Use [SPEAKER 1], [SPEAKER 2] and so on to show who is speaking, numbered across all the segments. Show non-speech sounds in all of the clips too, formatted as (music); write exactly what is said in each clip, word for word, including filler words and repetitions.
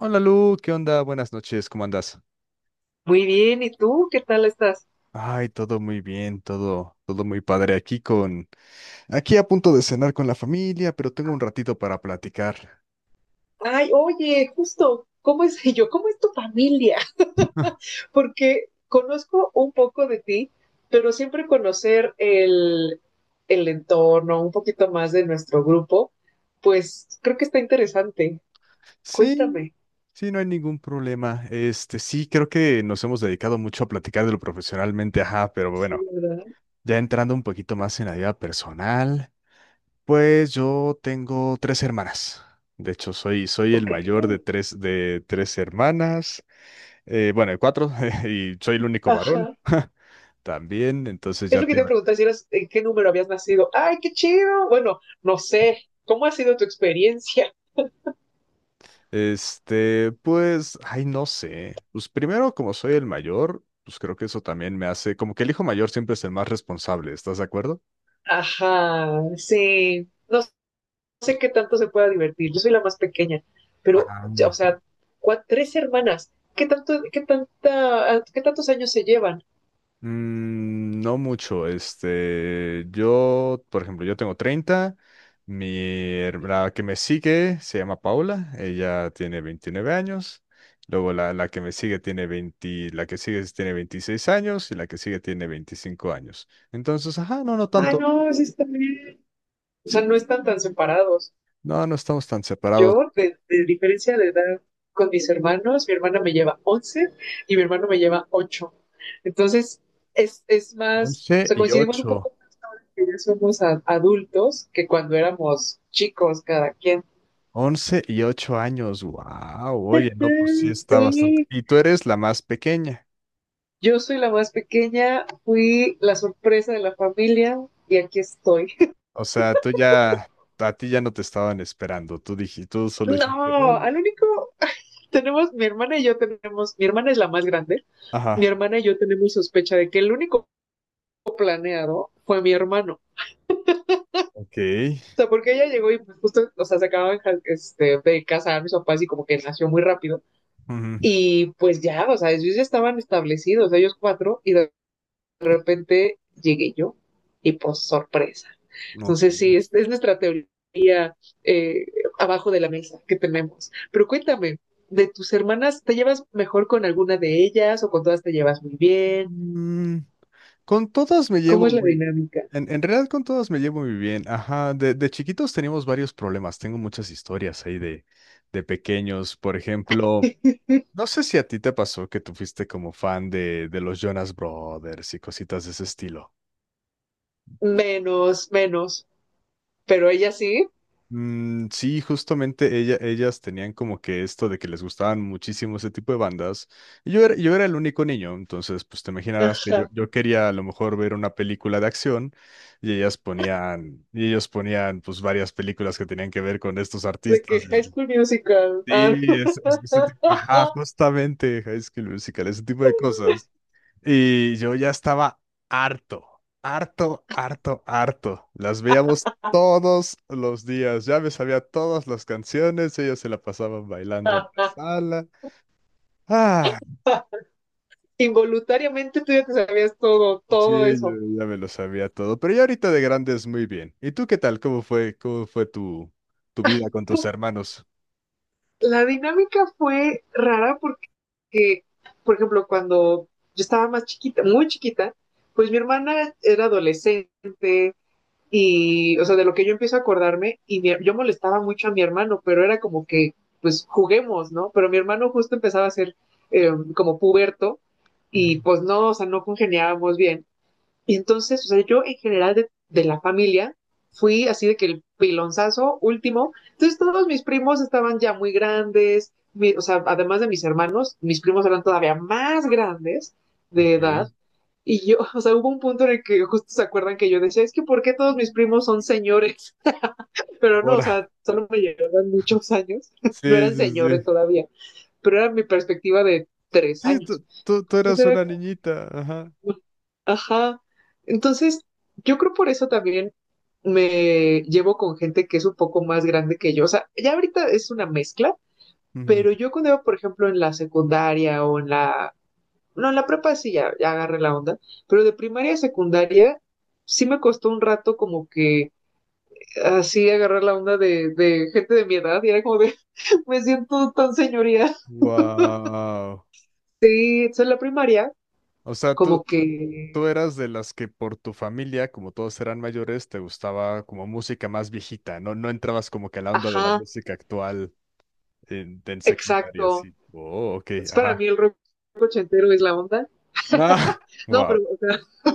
[SPEAKER 1] Hola Lu, ¿qué onda? Buenas noches, ¿cómo andas?
[SPEAKER 2] Muy bien, ¿y tú qué tal estás?
[SPEAKER 1] Ay, todo muy bien, todo, todo muy padre aquí con, aquí a punto de cenar con la familia, pero tengo un ratito para platicar.
[SPEAKER 2] Ay, oye, justo, ¿cómo es (laughs) yo? ¿Cómo es tu familia? (laughs) Porque conozco un poco de ti, pero siempre conocer el, el entorno, un poquito más de nuestro grupo, pues creo que está interesante.
[SPEAKER 1] Sí,
[SPEAKER 2] Cuéntame.
[SPEAKER 1] sí, no hay ningún problema. Este, sí, creo que nos hemos dedicado mucho a platicar de lo profesionalmente, ajá, pero
[SPEAKER 2] Sí,
[SPEAKER 1] bueno,
[SPEAKER 2] ¿verdad?
[SPEAKER 1] ya entrando un poquito más en la vida personal, pues yo tengo tres hermanas. De hecho, soy, soy el
[SPEAKER 2] Ok.
[SPEAKER 1] mayor de tres, de tres hermanas, eh, bueno, de cuatro, (laughs) y soy el único varón.
[SPEAKER 2] Ajá.
[SPEAKER 1] (laughs) También, entonces
[SPEAKER 2] Es
[SPEAKER 1] ya
[SPEAKER 2] lo que
[SPEAKER 1] te...
[SPEAKER 2] te iba a
[SPEAKER 1] iba-
[SPEAKER 2] preguntar si eras, en qué número habías nacido. ¡Ay, qué chido! Bueno, no sé. ¿Cómo ha sido tu experiencia?
[SPEAKER 1] Este, pues, ay, no sé. Pues primero, como soy el mayor, pues creo que eso también me hace, como que el hijo mayor siempre es el más responsable, ¿estás de acuerdo?
[SPEAKER 2] Ajá, sí. No sé qué tanto se pueda divertir, yo soy la más pequeña, pero,
[SPEAKER 1] Ah,
[SPEAKER 2] o sea, cua- tres hermanas, ¿qué tanto, qué tanta, qué tantos años se llevan?
[SPEAKER 1] mm, no mucho, este, yo, por ejemplo, yo tengo treinta. Mi, her- la que me sigue se llama Paula, ella tiene veintinueve años, luego la, la que me sigue tiene veinte, la que sigue tiene veintiséis años y la que sigue tiene veinticinco años. Entonces, ajá, no, no
[SPEAKER 2] Ah,
[SPEAKER 1] tanto.
[SPEAKER 2] no, sí está bien. O
[SPEAKER 1] Sí,
[SPEAKER 2] sea, no están tan separados.
[SPEAKER 1] no, no estamos tan separados.
[SPEAKER 2] Yo, de, de diferencia de edad con mis hermanos, mi hermana me lleva once y mi hermano me lleva ocho. Entonces, es, es más,
[SPEAKER 1] Once
[SPEAKER 2] o sea,
[SPEAKER 1] y
[SPEAKER 2] coincidimos un
[SPEAKER 1] ocho,
[SPEAKER 2] poco que ya somos a- adultos que cuando éramos chicos cada quien.
[SPEAKER 1] once y ocho años. Wow, oye, no, pues sí
[SPEAKER 2] Mm,
[SPEAKER 1] está bastante.
[SPEAKER 2] sí.
[SPEAKER 1] Y tú eres la más pequeña.
[SPEAKER 2] Yo soy la más pequeña, fui la sorpresa de la familia y aquí estoy.
[SPEAKER 1] O sea, tú ya, a ti ya no te estaban esperando. Tú dijiste, tú solo dijiste,
[SPEAKER 2] No,
[SPEAKER 1] "Hola".
[SPEAKER 2] al único, tenemos, mi hermana y yo tenemos, mi hermana es la más grande, mi
[SPEAKER 1] Ajá,
[SPEAKER 2] hermana y yo tenemos sospecha de que el único planeado fue mi hermano.
[SPEAKER 1] ok.
[SPEAKER 2] O sea, porque ella llegó y pues justo, o sea, se acababan este, de casar mis papás y como que nació muy rápido.
[SPEAKER 1] Ujú,
[SPEAKER 2] Y pues ya, o sea, ellos ya estaban establecidos, ellos cuatro, y de de repente llegué yo y pues sorpresa.
[SPEAKER 1] ok.
[SPEAKER 2] Entonces sí, es, es nuestra teoría eh, abajo de la mesa que tenemos. Pero cuéntame, de tus hermanas, ¿te llevas mejor con alguna de ellas o con todas te llevas muy bien?
[SPEAKER 1] Mm, con todas me
[SPEAKER 2] ¿Cómo
[SPEAKER 1] llevo
[SPEAKER 2] es la
[SPEAKER 1] muy.
[SPEAKER 2] dinámica?
[SPEAKER 1] En, en realidad con todas me llevo muy bien. Ajá, de, de chiquitos teníamos varios problemas. Tengo muchas historias ahí de, de pequeños. Por ejemplo.
[SPEAKER 2] (laughs)
[SPEAKER 1] No sé si a ti te pasó que tú fuiste como fan de, de los Jonas Brothers y cositas de ese estilo.
[SPEAKER 2] Menos, menos, pero ella sí.
[SPEAKER 1] Mm, sí, justamente ella, ellas tenían como que esto de que les gustaban muchísimo ese tipo de bandas. Y yo era, yo era el único niño, entonces pues te imaginarás que yo,
[SPEAKER 2] Ajá.
[SPEAKER 1] yo quería a lo mejor ver una película de acción y ellas ponían, y ellos ponían pues varias películas que tenían que ver con estos
[SPEAKER 2] ¿De que
[SPEAKER 1] artistas.
[SPEAKER 2] High
[SPEAKER 1] Y-
[SPEAKER 2] School Musical? Ah,
[SPEAKER 1] Sí, es, es- ese tipo, ajá,
[SPEAKER 2] no. (laughs)
[SPEAKER 1] justamente High School Musical, ese tipo de cosas. Y yo ya estaba harto, harto, harto, harto. Las veíamos todos los días. Ya me sabía todas las canciones. Ellas se la pasaban bailando en la sala. Ah,
[SPEAKER 2] Involuntariamente tú ya te sabías todo,
[SPEAKER 1] sí,
[SPEAKER 2] todo
[SPEAKER 1] yo
[SPEAKER 2] eso.
[SPEAKER 1] ya me lo sabía todo. Pero ya ahorita de grandes muy bien. ¿Y tú qué tal? ¿Cómo fue, cómo fue tu, tu vida con tus hermanos?
[SPEAKER 2] La dinámica fue rara porque que, por ejemplo, cuando yo estaba más chiquita, muy chiquita, pues mi hermana era adolescente y, o sea, de lo que yo empiezo a acordarme, y mi- yo molestaba mucho a mi hermano, pero era como que, pues juguemos, ¿no? Pero mi hermano justo empezaba a ser eh, como puberto
[SPEAKER 1] Ujú.
[SPEAKER 2] y pues no, o sea, no congeniábamos bien. Y entonces, o sea, yo en general de, de la familia fui así de que el pilonzazo último. Entonces todos mis primos estaban ya muy grandes, mi- o sea, además de mis hermanos, mis primos eran todavía más grandes de
[SPEAKER 1] Ok.
[SPEAKER 2] edad. Y yo, (laughs) o sea, hubo un punto en el que justo se acuerdan que yo decía, es que ¿por qué todos mis primos son señores? (laughs) Pero no, o
[SPEAKER 1] Ahora.
[SPEAKER 2] sea,
[SPEAKER 1] (laughs)
[SPEAKER 2] solo me llevaban muchos años, (laughs) no
[SPEAKER 1] Sí,
[SPEAKER 2] eran
[SPEAKER 1] sí,
[SPEAKER 2] señores
[SPEAKER 1] sí.
[SPEAKER 2] todavía, pero era mi perspectiva de tres
[SPEAKER 1] Sí,
[SPEAKER 2] años.
[SPEAKER 1] tú, tú, tú
[SPEAKER 2] Entonces
[SPEAKER 1] eras
[SPEAKER 2] era
[SPEAKER 1] una niñita. Ajá.
[SPEAKER 2] como, ajá. Entonces, yo creo por eso también me llevo con gente que es un poco más grande que yo. O sea, ya ahorita es una mezcla, pero yo cuando iba, por ejemplo, en la secundaria o en la... No, en la prepa sí ya, ya agarré la onda, pero de primaria a secundaria sí me costó un rato como que así agarrar la onda de, de gente de mi edad y era como de, (laughs) me siento tan señoría.
[SPEAKER 1] Wow.
[SPEAKER 2] Y entonces en la primaria,
[SPEAKER 1] O sea, tú,
[SPEAKER 2] como
[SPEAKER 1] tú, tú
[SPEAKER 2] que,
[SPEAKER 1] eras de las que por tu familia, como todos eran mayores, te gustaba como música más viejita, ¿no? No entrabas como que a la onda de la
[SPEAKER 2] ajá,
[SPEAKER 1] música actual en, en secundaria,
[SPEAKER 2] exacto.
[SPEAKER 1] sí. Oh, ok,
[SPEAKER 2] Es para
[SPEAKER 1] ajá.
[SPEAKER 2] mí el rock ochentero es la onda.
[SPEAKER 1] Ah,
[SPEAKER 2] No,
[SPEAKER 1] (laughs)
[SPEAKER 2] pero,
[SPEAKER 1] wow.
[SPEAKER 2] o sea, (laughs)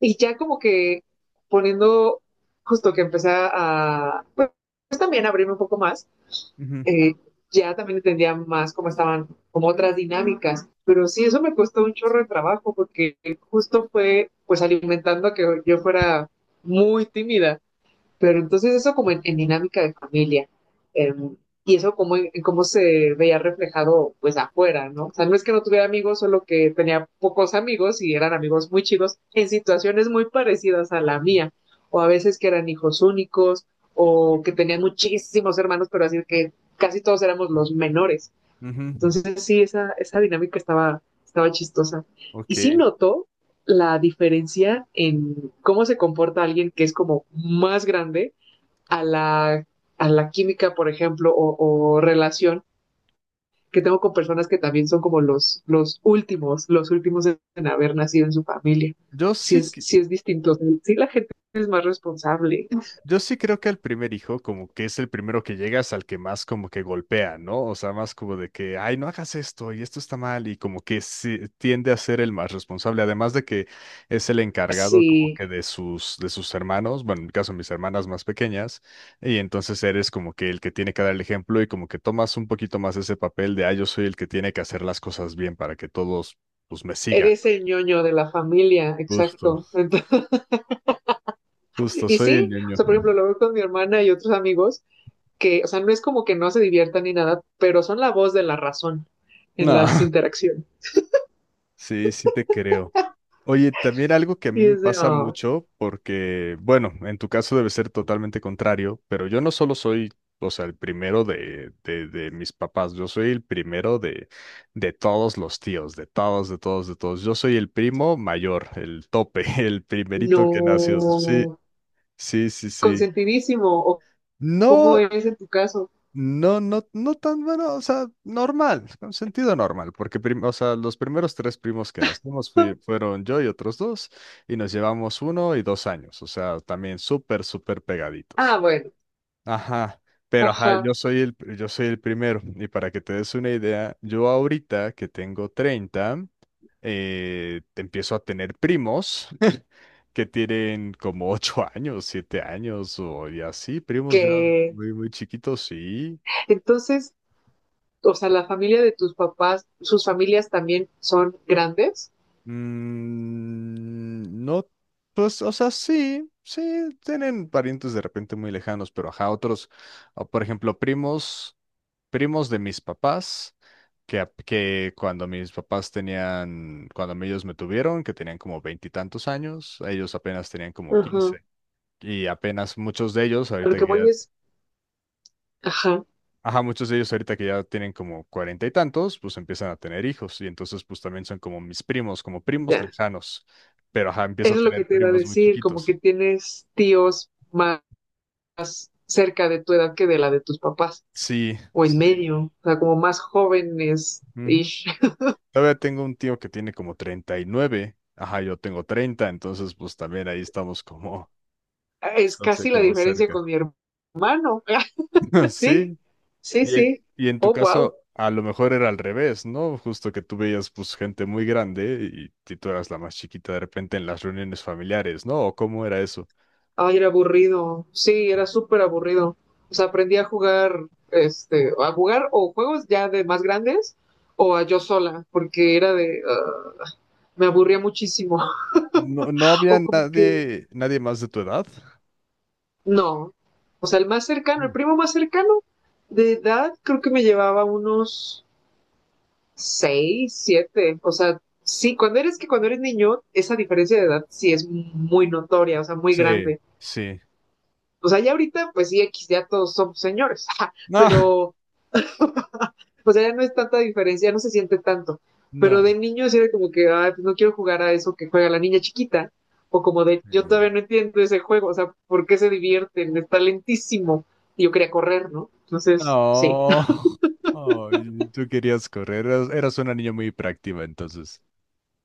[SPEAKER 2] y ya como que poniendo, justo que empecé a, pues, pues, también abrirme un poco más,
[SPEAKER 1] Ujú,
[SPEAKER 2] eh, ya también entendía más cómo estaban, como otras dinámicas. Pero sí, eso me costó un chorro de trabajo porque justo fue, pues, alimentando a que yo fuera muy tímida. Pero entonces eso como en, en dinámica de familia, eh, y eso como en, en cómo se veía reflejado pues afuera, ¿no? O sea, no es que no tuviera amigos, solo que tenía pocos amigos y eran amigos muy chicos en situaciones muy parecidas a la mía, o a veces que eran hijos únicos, o que tenían muchísimos hermanos, pero así que casi todos éramos los menores.
[SPEAKER 1] ujú,
[SPEAKER 2] Entonces sí, esa, esa dinámica estaba, estaba chistosa. Y sí
[SPEAKER 1] ok.
[SPEAKER 2] noto la diferencia en cómo se comporta alguien que es como más grande a la, a la química, por ejemplo, o, o, relación que tengo con personas que también son como los, los últimos, los últimos en haber nacido en su familia.
[SPEAKER 1] Yo
[SPEAKER 2] Si
[SPEAKER 1] sí, Sí.
[SPEAKER 2] es,
[SPEAKER 1] que-
[SPEAKER 2] si es distinto, si la gente es más responsable,
[SPEAKER 1] Yo sí creo que al primer hijo, como que es el primero que llegas al que más como que golpea, ¿no? O sea, más como de que, ay, no hagas esto y esto está mal y como que sí, tiende a ser el más responsable, además de que es el encargado como
[SPEAKER 2] si
[SPEAKER 1] que de sus, de sus hermanos, bueno, en mi caso mis hermanas más pequeñas, y entonces eres como que el que tiene que dar el ejemplo y como que tomas un poquito más ese papel de, ay, yo soy el que tiene que hacer las cosas bien para que todos, pues, me sigan.
[SPEAKER 2] eres el ñoño de la familia,
[SPEAKER 1] Justo,
[SPEAKER 2] exacto. Entonces, (laughs)
[SPEAKER 1] justo,
[SPEAKER 2] y
[SPEAKER 1] soy
[SPEAKER 2] sí,
[SPEAKER 1] el
[SPEAKER 2] o
[SPEAKER 1] ñoño.
[SPEAKER 2] sea, por ejemplo, lo veo con mi hermana y otros amigos que, o sea, no es como que no se diviertan ni nada, pero son la voz de la razón en
[SPEAKER 1] No.
[SPEAKER 2] las
[SPEAKER 1] (laughs)
[SPEAKER 2] interacciones.
[SPEAKER 1] Sí, sí te creo. Oye, también algo que a
[SPEAKER 2] Y
[SPEAKER 1] mí me
[SPEAKER 2] es de,
[SPEAKER 1] pasa
[SPEAKER 2] oh,
[SPEAKER 1] mucho, porque, bueno, en tu caso debe ser totalmente contrario, pero yo no solo soy, o sea, el primero de, de, de mis papás, yo soy el primero de, de todos los tíos, de todos, de todos, de todos. Yo soy el primo mayor, el tope, (laughs) el primerito que nació. Sí,
[SPEAKER 2] no,
[SPEAKER 1] sí, sí, sí.
[SPEAKER 2] ¿consentidísimo o cómo
[SPEAKER 1] No,
[SPEAKER 2] es en tu caso?
[SPEAKER 1] no, no, no tan bueno, o sea, normal, con sentido normal, porque prim- o sea, los primeros tres primos que nacimos fui-
[SPEAKER 2] (laughs)
[SPEAKER 1] fueron yo y otros dos, y nos llevamos uno y dos años, o sea, también súper, súper
[SPEAKER 2] ah,
[SPEAKER 1] pegaditos.
[SPEAKER 2] bueno,
[SPEAKER 1] Ajá, pero ajá,
[SPEAKER 2] ajá,
[SPEAKER 1] yo soy el, pr- yo soy el primero, y para que te des una idea, yo ahorita que tengo treinta, eh, te empiezo a tener primos (laughs) que tienen como ocho años, siete años, o y así, primos ya
[SPEAKER 2] que
[SPEAKER 1] muy, muy chiquitos, sí.
[SPEAKER 2] entonces, o sea, la familia de tus papás, sus familias también son grandes.
[SPEAKER 1] Mm, no, pues, o sea, sí, sí, tienen parientes de repente muy lejanos, pero ajá, otros, o por ejemplo, primos, primos de mis papás, que, ap- que cuando mis papás tenían, cuando ellos me tuvieron, que tenían como veintitantos años, ellos apenas tenían como
[SPEAKER 2] Ajá.
[SPEAKER 1] quince. Y apenas muchos de ellos,
[SPEAKER 2] A lo
[SPEAKER 1] ahorita
[SPEAKER 2] que
[SPEAKER 1] que ya
[SPEAKER 2] voy es, ajá,
[SPEAKER 1] ajá, muchos de ellos ahorita que ya tienen como cuarenta y tantos, pues empiezan a tener hijos y entonces pues también son como mis primos, como primos
[SPEAKER 2] ya.
[SPEAKER 1] lejanos, pero ajá, empiezo a
[SPEAKER 2] Eso es lo
[SPEAKER 1] tener
[SPEAKER 2] que te iba a
[SPEAKER 1] primos muy
[SPEAKER 2] decir, como que
[SPEAKER 1] chiquitos.
[SPEAKER 2] tienes tíos más cerca de tu edad que de la de tus papás,
[SPEAKER 1] Sí,
[SPEAKER 2] o en
[SPEAKER 1] sí.
[SPEAKER 2] medio, o sea, como más jóvenes. Y
[SPEAKER 1] Ujú.
[SPEAKER 2] (laughs)
[SPEAKER 1] Todavía tengo un tío que tiene como treinta y nueve, ajá, yo tengo treinta, entonces pues también ahí estamos como,
[SPEAKER 2] es
[SPEAKER 1] (laughs) no sé,
[SPEAKER 2] casi la
[SPEAKER 1] como
[SPEAKER 2] diferencia
[SPEAKER 1] cerca.
[SPEAKER 2] con mi hermano.
[SPEAKER 1] (laughs)
[SPEAKER 2] (laughs) sí,
[SPEAKER 1] Sí,
[SPEAKER 2] sí,
[SPEAKER 1] y en,
[SPEAKER 2] sí.
[SPEAKER 1] Sí. y en tu
[SPEAKER 2] Oh, wow.
[SPEAKER 1] caso a lo mejor era al revés, ¿no? Justo que tú veías pues gente muy grande y, y tú eras la más chiquita de repente en las reuniones familiares, ¿no? ¿O cómo era eso?
[SPEAKER 2] Ay, era aburrido. Sí, era súper aburrido. O sea, aprendí a jugar, este, a jugar o juegos ya de más grandes o a yo sola, porque era de, ah, me aburría muchísimo. (laughs)
[SPEAKER 1] No, no
[SPEAKER 2] O
[SPEAKER 1] había
[SPEAKER 2] como que,
[SPEAKER 1] nadie, nadie más de tu edad.
[SPEAKER 2] no. O sea, el más cercano, el
[SPEAKER 1] Uh.
[SPEAKER 2] primo más cercano de edad, creo que me llevaba unos seis, siete. O sea, sí, cuando eres que cuando eres niño, esa diferencia de edad sí es muy notoria, o sea, muy
[SPEAKER 1] Sí,
[SPEAKER 2] grande.
[SPEAKER 1] sí.
[SPEAKER 2] O sea, ya ahorita, pues sí, X, ya todos somos señores, (laughs)
[SPEAKER 1] No,
[SPEAKER 2] pero (laughs) o sea, ya no es tanta diferencia, ya no se siente tanto. Pero
[SPEAKER 1] no,
[SPEAKER 2] de niños era como que, ay, pues no quiero jugar a eso que juega la niña chiquita. O como de, yo
[SPEAKER 1] sí.
[SPEAKER 2] todavía no entiendo ese juego, o sea, ¿por qué se divierten? Está lentísimo. Y yo quería correr, ¿no? Entonces, sí.
[SPEAKER 1] No. (laughs) Ay, tú querías correr. Eras, eras una niña muy práctica entonces.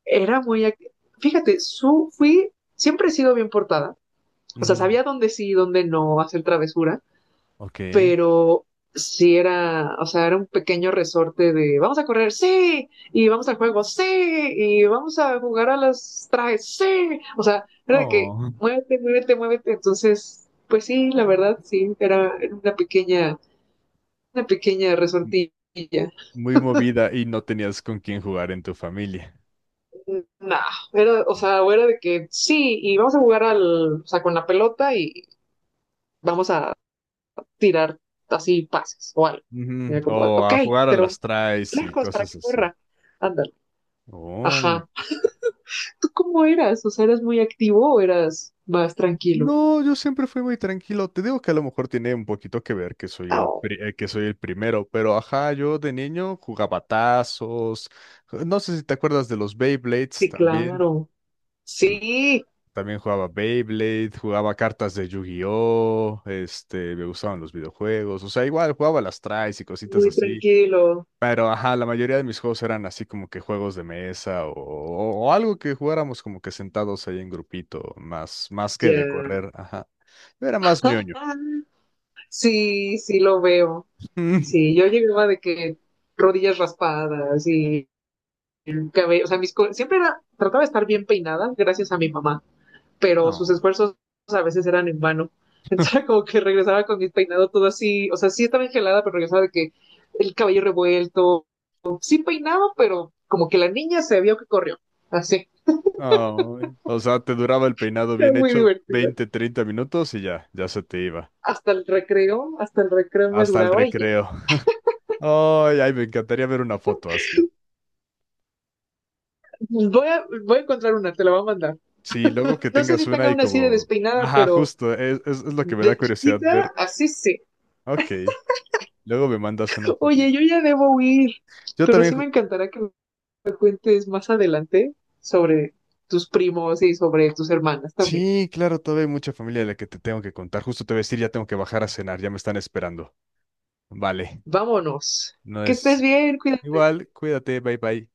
[SPEAKER 2] Era muy. act- Fíjate, su, fui. Siempre he sido bien portada. O sea,
[SPEAKER 1] Ujú.
[SPEAKER 2] sabía dónde sí y dónde no hacer travesuras,
[SPEAKER 1] Ok.
[SPEAKER 2] pero sí era, o sea, era un pequeño resorte de vamos a correr, sí, y vamos al juego, sí, y vamos a jugar a las trajes, sí, o sea, era de que
[SPEAKER 1] Oh.
[SPEAKER 2] muévete, muévete, muévete, entonces, pues sí, la verdad, sí, era era una pequeña, una pequeña
[SPEAKER 1] M-
[SPEAKER 2] resortilla.
[SPEAKER 1] Muy movida y no tenías con quién jugar en tu familia.
[SPEAKER 2] Nah, era, o sea, o era de que sí, y vamos a jugar al, o sea, con la pelota y vamos a tirar así pases o algo. Y
[SPEAKER 1] Ujú.
[SPEAKER 2] era como,
[SPEAKER 1] O
[SPEAKER 2] ok,
[SPEAKER 1] a jugar a
[SPEAKER 2] pero
[SPEAKER 1] las traes y
[SPEAKER 2] lejos para
[SPEAKER 1] cosas
[SPEAKER 2] que
[SPEAKER 1] así.
[SPEAKER 2] corra. Anda.
[SPEAKER 1] Oh.
[SPEAKER 2] Ajá. ¿Tú cómo eras? O sea, ¿eras muy activo o eras más tranquilo?
[SPEAKER 1] No, yo siempre fui muy tranquilo. Te digo que a lo mejor tiene un poquito que ver que soy el
[SPEAKER 2] Oh,
[SPEAKER 1] pri- eh, que soy el primero, pero ajá, yo de niño jugaba tazos. eh, No sé si te acuerdas de los Beyblades
[SPEAKER 2] sí,
[SPEAKER 1] también.
[SPEAKER 2] claro.
[SPEAKER 1] Lo-
[SPEAKER 2] Sí,
[SPEAKER 1] También jugaba Beyblade, jugaba cartas de Yu-Gi-Oh, este, me gustaban los videojuegos, o sea, igual jugaba las tries y cositas
[SPEAKER 2] muy
[SPEAKER 1] así.
[SPEAKER 2] tranquilo.
[SPEAKER 1] Pero, ajá, la mayoría de mis juegos eran así como que juegos de mesa o, o- o algo que jugáramos como que sentados ahí en grupito, más, más que de
[SPEAKER 2] Ya.
[SPEAKER 1] correr, ajá. Yo era más ñoño.
[SPEAKER 2] Ah, sí, sí lo veo. Sí,
[SPEAKER 1] (laughs)
[SPEAKER 2] yo llegaba de que rodillas raspadas y el cabello, o sea, mis co- siempre era, trataba de estar bien peinada gracias a mi mamá, pero sus
[SPEAKER 1] No.
[SPEAKER 2] esfuerzos a veces eran en vano. (laughs) Entonces era como que regresaba con mi peinado todo así, o sea, sí estaba engelada, pero regresaba de que el cabello revuelto, sí peinaba, pero como que la niña se vio que corrió. Así,
[SPEAKER 1] Ay, o sea, te duraba el peinado
[SPEAKER 2] era
[SPEAKER 1] bien
[SPEAKER 2] muy
[SPEAKER 1] hecho
[SPEAKER 2] divertida.
[SPEAKER 1] veinte treinta minutos y ya, ya se te iba.
[SPEAKER 2] Hasta el recreo, hasta el recreo me
[SPEAKER 1] Hasta el
[SPEAKER 2] duraba y ya.
[SPEAKER 1] recreo. (laughs) Ay, ay, me encantaría ver una foto así.
[SPEAKER 2] Pues voy a, voy a encontrar una, te la voy a mandar.
[SPEAKER 1] Sí, luego que
[SPEAKER 2] No sé
[SPEAKER 1] tengas
[SPEAKER 2] si
[SPEAKER 1] una
[SPEAKER 2] tenga
[SPEAKER 1] y
[SPEAKER 2] una así de
[SPEAKER 1] como...
[SPEAKER 2] despeinada,
[SPEAKER 1] Ajá,
[SPEAKER 2] pero
[SPEAKER 1] justo, es, es, es lo que me da
[SPEAKER 2] de
[SPEAKER 1] curiosidad ver.
[SPEAKER 2] chiquita, así sí.
[SPEAKER 1] Ok, luego me mandas una
[SPEAKER 2] Oye, yo
[SPEAKER 1] fotito.
[SPEAKER 2] ya debo huir,
[SPEAKER 1] Yo
[SPEAKER 2] pero
[SPEAKER 1] también,
[SPEAKER 2] sí me encantará que me cuentes más adelante sobre tus primos y sobre tus hermanas también.
[SPEAKER 1] sí, claro, todavía hay mucha familia de la que te tengo que contar. Justo te voy a decir, ya tengo que bajar a cenar, ya me están esperando. Vale,
[SPEAKER 2] Vámonos.
[SPEAKER 1] no
[SPEAKER 2] Que estés
[SPEAKER 1] es
[SPEAKER 2] bien, cuídate.
[SPEAKER 1] igual, cuídate, bye bye.